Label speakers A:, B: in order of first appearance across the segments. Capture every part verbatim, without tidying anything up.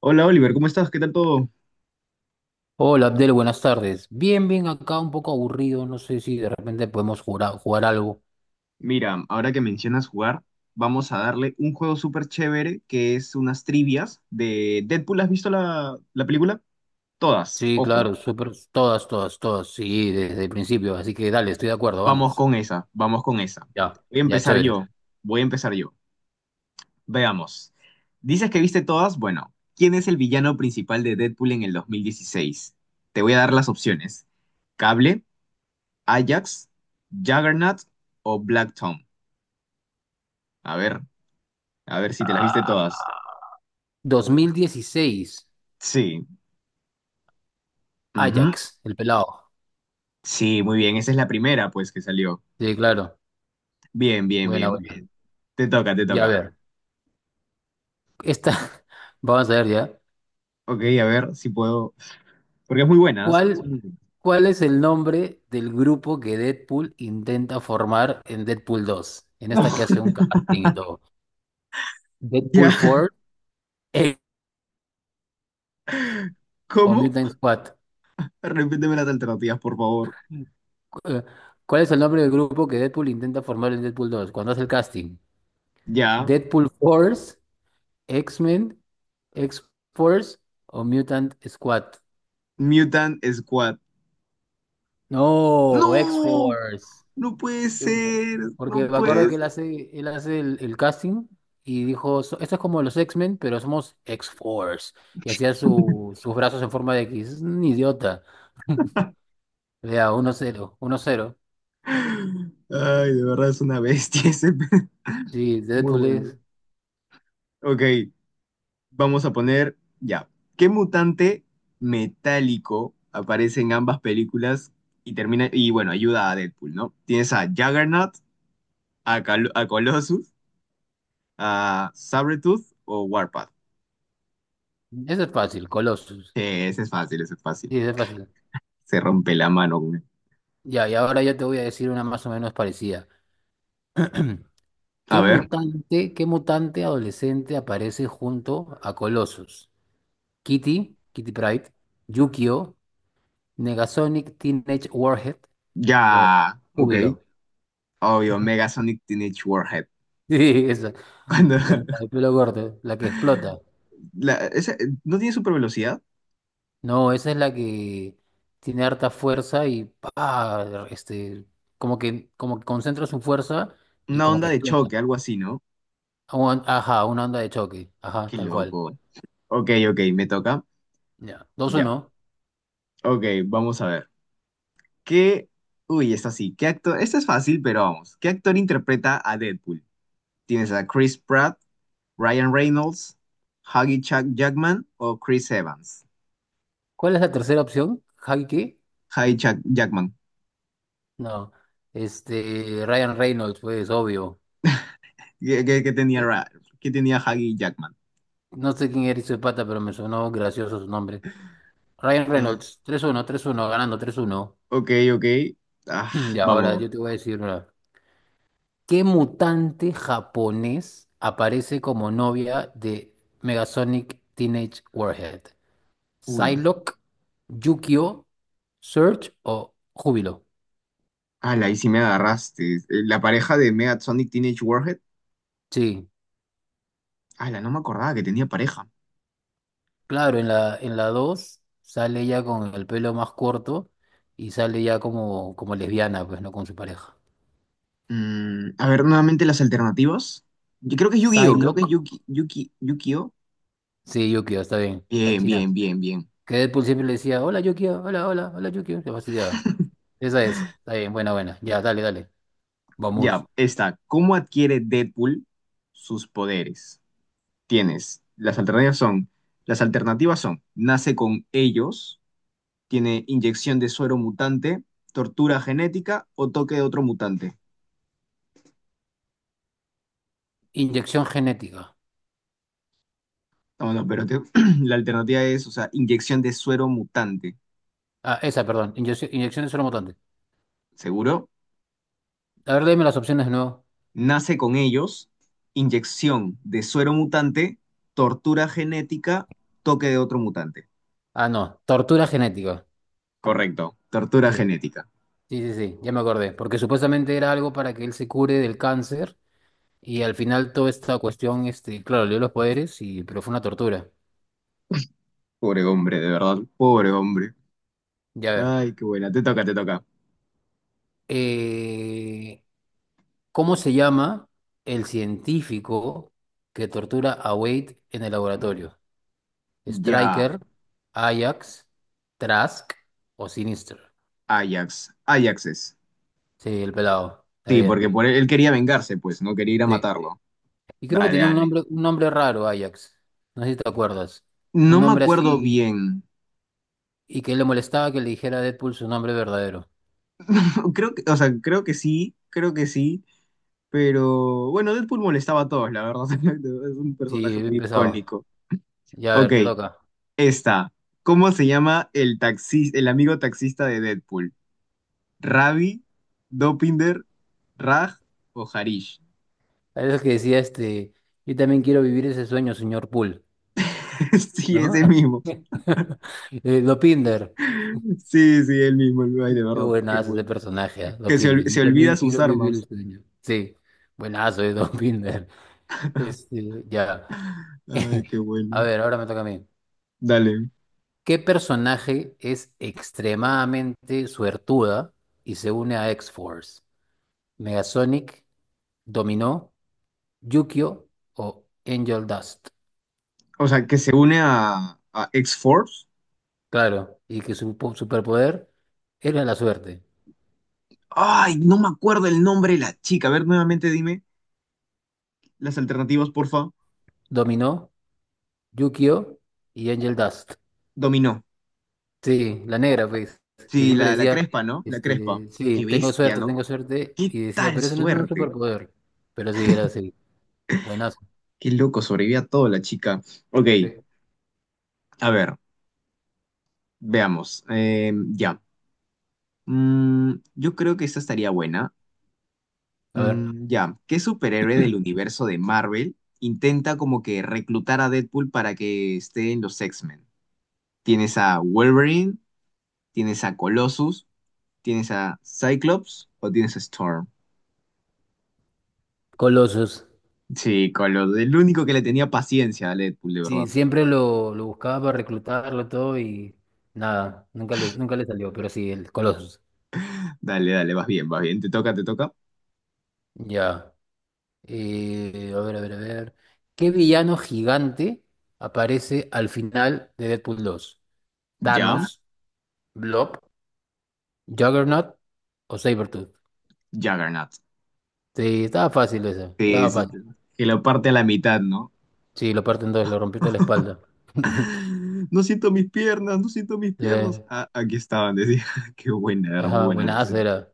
A: Hola Oliver, ¿cómo estás? ¿Qué tal todo?
B: Hola Abdel, buenas tardes. Bien, bien, acá un poco aburrido, no sé si de repente podemos jugar, a- jugar algo.
A: Mira, ahora que mencionas jugar, vamos a darle un juego súper chévere que es unas trivias de Deadpool. ¿Has visto la, la película? Todas, sí.
B: Sí,
A: Ojo.
B: claro, súper, todas, todas, todas, sí, desde el principio, así que dale, estoy de acuerdo,
A: Vamos
B: vamos.
A: con esa, vamos con esa.
B: Ya,
A: Voy a
B: ya,
A: empezar
B: chévere.
A: yo, voy a empezar yo. Veamos. Dices que viste todas, bueno, ¿quién es el villano principal de Deadpool en el dos mil dieciséis? Te voy a dar las opciones. Cable, Ajax, Juggernaut o Black Tom. A ver, a ver si te las viste todas.
B: dos mil dieciséis,
A: Sí. Ujú.
B: Ajax, el pelado.
A: Sí, muy bien. Esa es la primera, pues, que salió.
B: Sí, claro,
A: Bien, bien,
B: buena,
A: bien, muy
B: buena.
A: bien. Te toca, te
B: Ya, a
A: toca.
B: ver, esta, vamos a ver ya.
A: Ok, a ver si puedo. Porque es muy buena, ¿eh?
B: ¿Cuál,
A: Sí.
B: cuál es el nombre del grupo que Deadpool intenta formar en Deadpool dos? En
A: No,
B: esta que hace un casting y todo. Deadpool
A: ya.
B: cuatro o
A: ¿Cómo?
B: Mutant Squad.
A: Repíteme las alternativas, por favor.
B: Cu- eh, ¿Cuál es el nombre del grupo que Deadpool intenta formar en Deadpool dos cuando hace el casting?
A: Ya.
B: ¿Deadpool Force, X-Men, X-Force o Mutant Squad?
A: Mutant Squad.
B: No,
A: ¡No!
B: X-Force.
A: No puede
B: Yo-
A: ser. No
B: Porque me acuerdo
A: puede
B: que él
A: ser.
B: hace, él hace el, el casting y dijo, "So- esto es como los X-Men, pero somos X-Force". Y hacía su- sus brazos en forma de X. Es un idiota. Vea, uno cero uno cero.
A: Ay, de verdad es una bestia ese. pe-
B: Sí,
A: Muy
B: Deadpool
A: bueno.
B: es.
A: Ok. Vamos a poner ya. ¿Qué mutante metálico aparece en ambas películas y termina y bueno, ayuda a Deadpool, ¿no? Tienes a Juggernaut, a, Col- a Colossus, a Sabretooth o Warpath.
B: Eso es fácil, Colossus.
A: Eh, ese es fácil, ese es fácil.
B: Sí, es fácil.
A: Se rompe la mano con él.
B: Ya, y ahora yo te voy a decir una más o menos parecida.
A: A
B: ¿Qué
A: ver,
B: mutante, qué mutante adolescente aparece junto a Colossus? ¿Kitty, Kitty Pryde, Yukio, Negasonic Teenage Warhead
A: ya,
B: o
A: ok.
B: Júbilo?
A: Obvio, Megasonic Teenage Warhead.
B: Sí, esa.
A: Cuando
B: La, la de pelo corto, la que explota.
A: la- esa- no tiene super velocidad,
B: No, esa es la que tiene harta fuerza y pa, este, como que, como que concentra su fuerza y
A: una
B: como
A: onda
B: que
A: de choque,
B: explota.
A: algo así, ¿no?
B: Un- ajá, una onda de choque. Ajá,
A: Qué
B: tal cual.
A: loco. Ok, ok, me toca.
B: Ya. Dos o
A: Ya.
B: no.
A: Ok, vamos a ver. ¿Qué? Uy, esta sí. ¿Qué actor? Esta es fácil, pero vamos. ¿Qué actor interpreta a Deadpool? ¿Tienes a Chris Pratt, Ryan Reynolds, Huggy Chuck Jackman o Chris Evans?
B: ¿Cuál es la tercera opción? ¿Javi qué?
A: Huggy Chuck Jackman.
B: No. Este, Ryan Reynolds, pues, obvio.
A: ¿Qué, qué- qué tenía, Ra- qué tenía Huggy Jackman?
B: No sé quién era ese pata, pero me sonó gracioso su nombre. Ryan
A: Ah,
B: Reynolds, tres uno tres uno ganando tres uno.
A: ok, ok. Ah,
B: Y ahora
A: vamos.
B: yo te voy a decir una. ¿Qué mutante japonés aparece como novia de Megasonic Teenage Warhead?
A: Uy.
B: ¿Psylocke, Yukio, Surge o Júbilo?
A: Ala, ahí sí me agarraste. Eh, La pareja de Sonic Teenage Warhead.
B: Sí.
A: Ala, no me acordaba que tenía pareja.
B: Claro, en la, en la dos sale ya con el pelo más corto y sale ya como, como lesbiana, pues, ¿no? Con su pareja.
A: Mm, a ver, nuevamente las alternativas. Yo creo que es Yu-Gi-Oh! Creo que es
B: Psylocke,
A: Yuki, Yuki, Yu-Gi-Oh!
B: sí, Yukio, está bien, la
A: Bien,
B: china.
A: bien, bien, bien.
B: Que Deadpool siempre le decía, hola Yukio, hola, hola, hola Yukio, se fastidiaba. Esa es, está bien, buena, buena, ya, dale, dale, vamos.
A: Ya, está. ¿Cómo adquiere Deadpool sus poderes? Tienes, las alternativas son, las alternativas son, nace con ellos, tiene inyección de suero mutante, tortura genética o toque de otro mutante.
B: Inyección genética.
A: No, no, pero te- la alternativa es, o sea, inyección de suero mutante.
B: Ah, esa, perdón, inyección, inyección de suero mutante.
A: ¿Seguro?
B: A ver, dime las opciones de nuevo.
A: Nace con ellos, inyección de suero mutante, tortura genética, toque de otro mutante.
B: Ah, no, tortura genética.
A: Correcto, tortura
B: Sí,
A: genética.
B: sí, sí, sí, ya me acordé, porque supuestamente era algo para que él se cure del cáncer. Y al final toda esta cuestión, este, claro, le dio los poderes, y, pero fue una tortura.
A: Pobre hombre, de verdad, pobre hombre.
B: Ya a ver.
A: Ay, qué buena. Te toca, te toca.
B: eh, ¿Cómo se llama el científico que tortura a Wade en el laboratorio?
A: Ya,
B: ¿Striker, Ajax, Trask o Sinister?
A: Ajax. Ajax es.
B: Sí, el pelado. Está
A: Sí,
B: bien.
A: porque por él, él quería vengarse, pues, no quería ir a
B: Sí.
A: matarlo.
B: Y creo que
A: Dale,
B: tenía un
A: dale.
B: nombre, un nombre raro, Ajax. No sé si te acuerdas. Un
A: No me
B: nombre
A: acuerdo
B: así.
A: bien.
B: Y que le molestaba que le dijera a Deadpool su nombre verdadero.
A: Creo que, o sea, creo que sí, creo que sí. Pero bueno, Deadpool molestaba a todos, la verdad. Es un personaje
B: Sí, bien
A: muy
B: pesado.
A: icónico.
B: Ya a
A: Ok,
B: ver, te toca.
A: esta. ¿Cómo se llama el taxi, el amigo taxista de Deadpool? ¿Ravi, Dopinder, Raj o Harish?
B: Parece que decía este, yo también quiero vivir ese sueño, señor Poole,
A: Sí,
B: ¿no?
A: ese mismo.
B: Eh, Dopinder,
A: Sí, sí, el mismo. el- Ay, de
B: qué
A: verdad, qué
B: buenazo ese
A: bueno.
B: personaje, ¿ah?
A: Que se,
B: Dopinder,
A: ol-
B: yo
A: se
B: también
A: olvida sus
B: quiero vivir el
A: armas.
B: sueño. Sí, buenazo de Dopinder. Este, ya.
A: Ay, qué
B: A
A: bueno.
B: ver, ahora me toca a mí.
A: Dale.
B: ¿Qué personaje es extremadamente suertuda y se une a X-Force? ¿Megasonic, Dominó, Yukio o Angel Dust?
A: O sea, que se une a, a X-Force.
B: Claro, y que su po- superpoder era la suerte.
A: Ay, no me acuerdo el nombre de la chica. A ver, nuevamente dime las alternativas, porfa.
B: Dominó, Yukio y Angel Dust.
A: Dominó.
B: Sí, la negra, pues, que
A: Sí,
B: siempre
A: la, la
B: decía,
A: Crespa, ¿no? La Crespa.
B: este, sí,
A: Qué
B: tengo
A: bestia,
B: suerte,
A: ¿no?
B: tengo suerte,
A: Qué
B: y decía,
A: tal
B: pero eso no es un
A: suerte.
B: superpoder. Pero sí, era así, buenazo.
A: Qué loco, sobrevivió a todo la chica. Ok,
B: Sí.
A: a ver, veamos. Eh, ya. Mm, yo creo que esta estaría buena.
B: A ver,
A: Mm, ya, ¿qué superhéroe del universo de Marvel intenta como que reclutar a Deadpool para que esté en los X-Men? ¿Tienes a Wolverine? ¿Tienes a Colossus? ¿Tienes a Cyclops? ¿O tienes a Storm?
B: Colossus.
A: Sí, Colossus, el único que le tenía paciencia a Deadpool, de
B: Sí,
A: verdad.
B: siempre lo, lo buscaba para reclutarlo todo y nada, nunca le, nunca le salió, pero sí, el Colossus.
A: Dale, dale, vas bien, vas bien, te toca, te toca.
B: Ya. Eh, a ver, a ver, a ver. ¿Qué villano gigante aparece al final de Deadpool dos?
A: Ya,
B: ¿Thanos, Blob, Juggernaut o Sabretooth?
A: Juggernaut.
B: Sí, estaba fácil, esa
A: Sí,
B: estaba
A: sí, sí,
B: fácil.
A: que lo parte a la mitad, ¿no?
B: Sí, lo parten dos, lo rompió toda la espalda.
A: No siento mis piernas, no siento mis
B: Sí,
A: piernas. Ah, aquí estaban, decía. Qué buena, era muy
B: ajá,
A: buena.
B: buenazo era.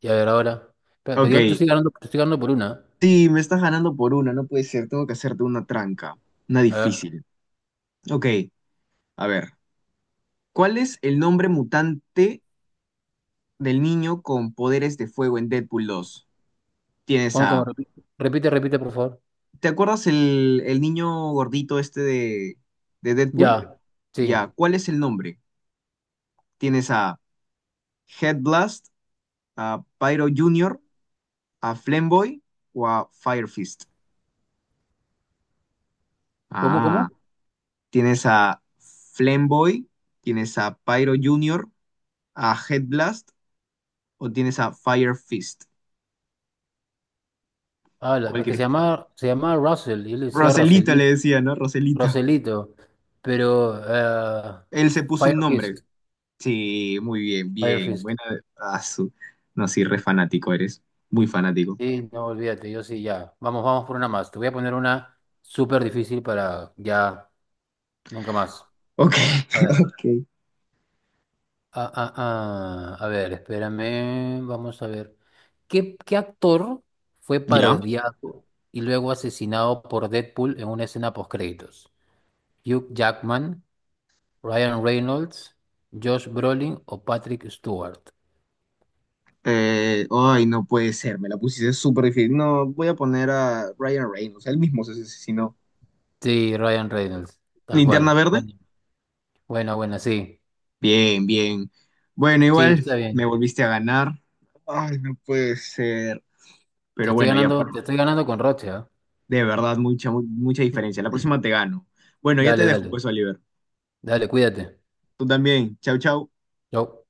B: Y a ver, ahora. Pero, pero
A: Ok,
B: igual te estoy ganando, te estoy ganando por una, ¿eh?
A: sí, me estás ganando por una, no puede ser, tengo que hacerte una tranca, una
B: A ver,
A: difícil. Ok, a ver, ¿cuál es el nombre mutante del niño con poderes de fuego en Deadpool dos? Tienes
B: ¿cómo, cómo?
A: a...
B: Repite, repite, repite, por favor.
A: ¿Te acuerdas el, el niño gordito este de, de Deadpool?
B: Ya,
A: Ya,
B: sí.
A: ¿cuál es el nombre? Tienes a Headblast, a Pyro Junior, a Flamboy o a Firefist.
B: ¿Cómo,
A: Ah,
B: cómo?
A: tienes a Flamboy, tienes a Pyro Junior, a Headblast o tienes a Fire Fist?
B: Ah, la-
A: ¿Cuál
B: es que se
A: quieres?
B: llama, se llama Russell, y él decía
A: Roselito
B: Russell.
A: le decía, ¿no? Roselito.
B: Roselito, pero eh,
A: Él se puso
B: Fire
A: un nombre.
B: Fist,
A: Sí, muy bien,
B: Fire
A: bien.
B: Fist.
A: Buena. ah, su- No, sí, re fanático eres. Muy fanático.
B: Sí, no olvídate, yo sí, ya. Vamos, vamos por una más. Te voy a poner una súper difícil para ya, nunca más.
A: Ok,
B: A ver,
A: ok.
B: ah, ah, ah, a ver, espérame, vamos a ver. ¿Qué, qué actor fue
A: ¿Ya?
B: parodiado y luego asesinado por Deadpool en una escena postcréditos? ¿Hugh Jackman, Ryan Reynolds, Josh Brolin o Patrick Stewart?
A: Eh, ay, no puede ser. Me la pusiste súper difícil. No, voy a poner a Ryan Reynolds. Él mismo se asesinó.
B: Sí, Ryan Reynolds, tal
A: ¿Linterna
B: cual.
A: verde?
B: Bueno, bueno, bueno, sí.
A: Bien, bien. Bueno,
B: Sí,
A: igual
B: está
A: me
B: bien.
A: volviste a ganar. Ay, no puede ser.
B: Te
A: Pero
B: estoy
A: bueno, ya.
B: ganando, te estoy ganando con Roche, ¿ah?
A: De verdad, mucha, mu- mucha diferencia. La próxima te gano. Bueno, ya te
B: Dale,
A: dejo,
B: dale.
A: pues, Oliver.
B: Dale, cuídate.
A: Tú también. Chau, chau.
B: Chau.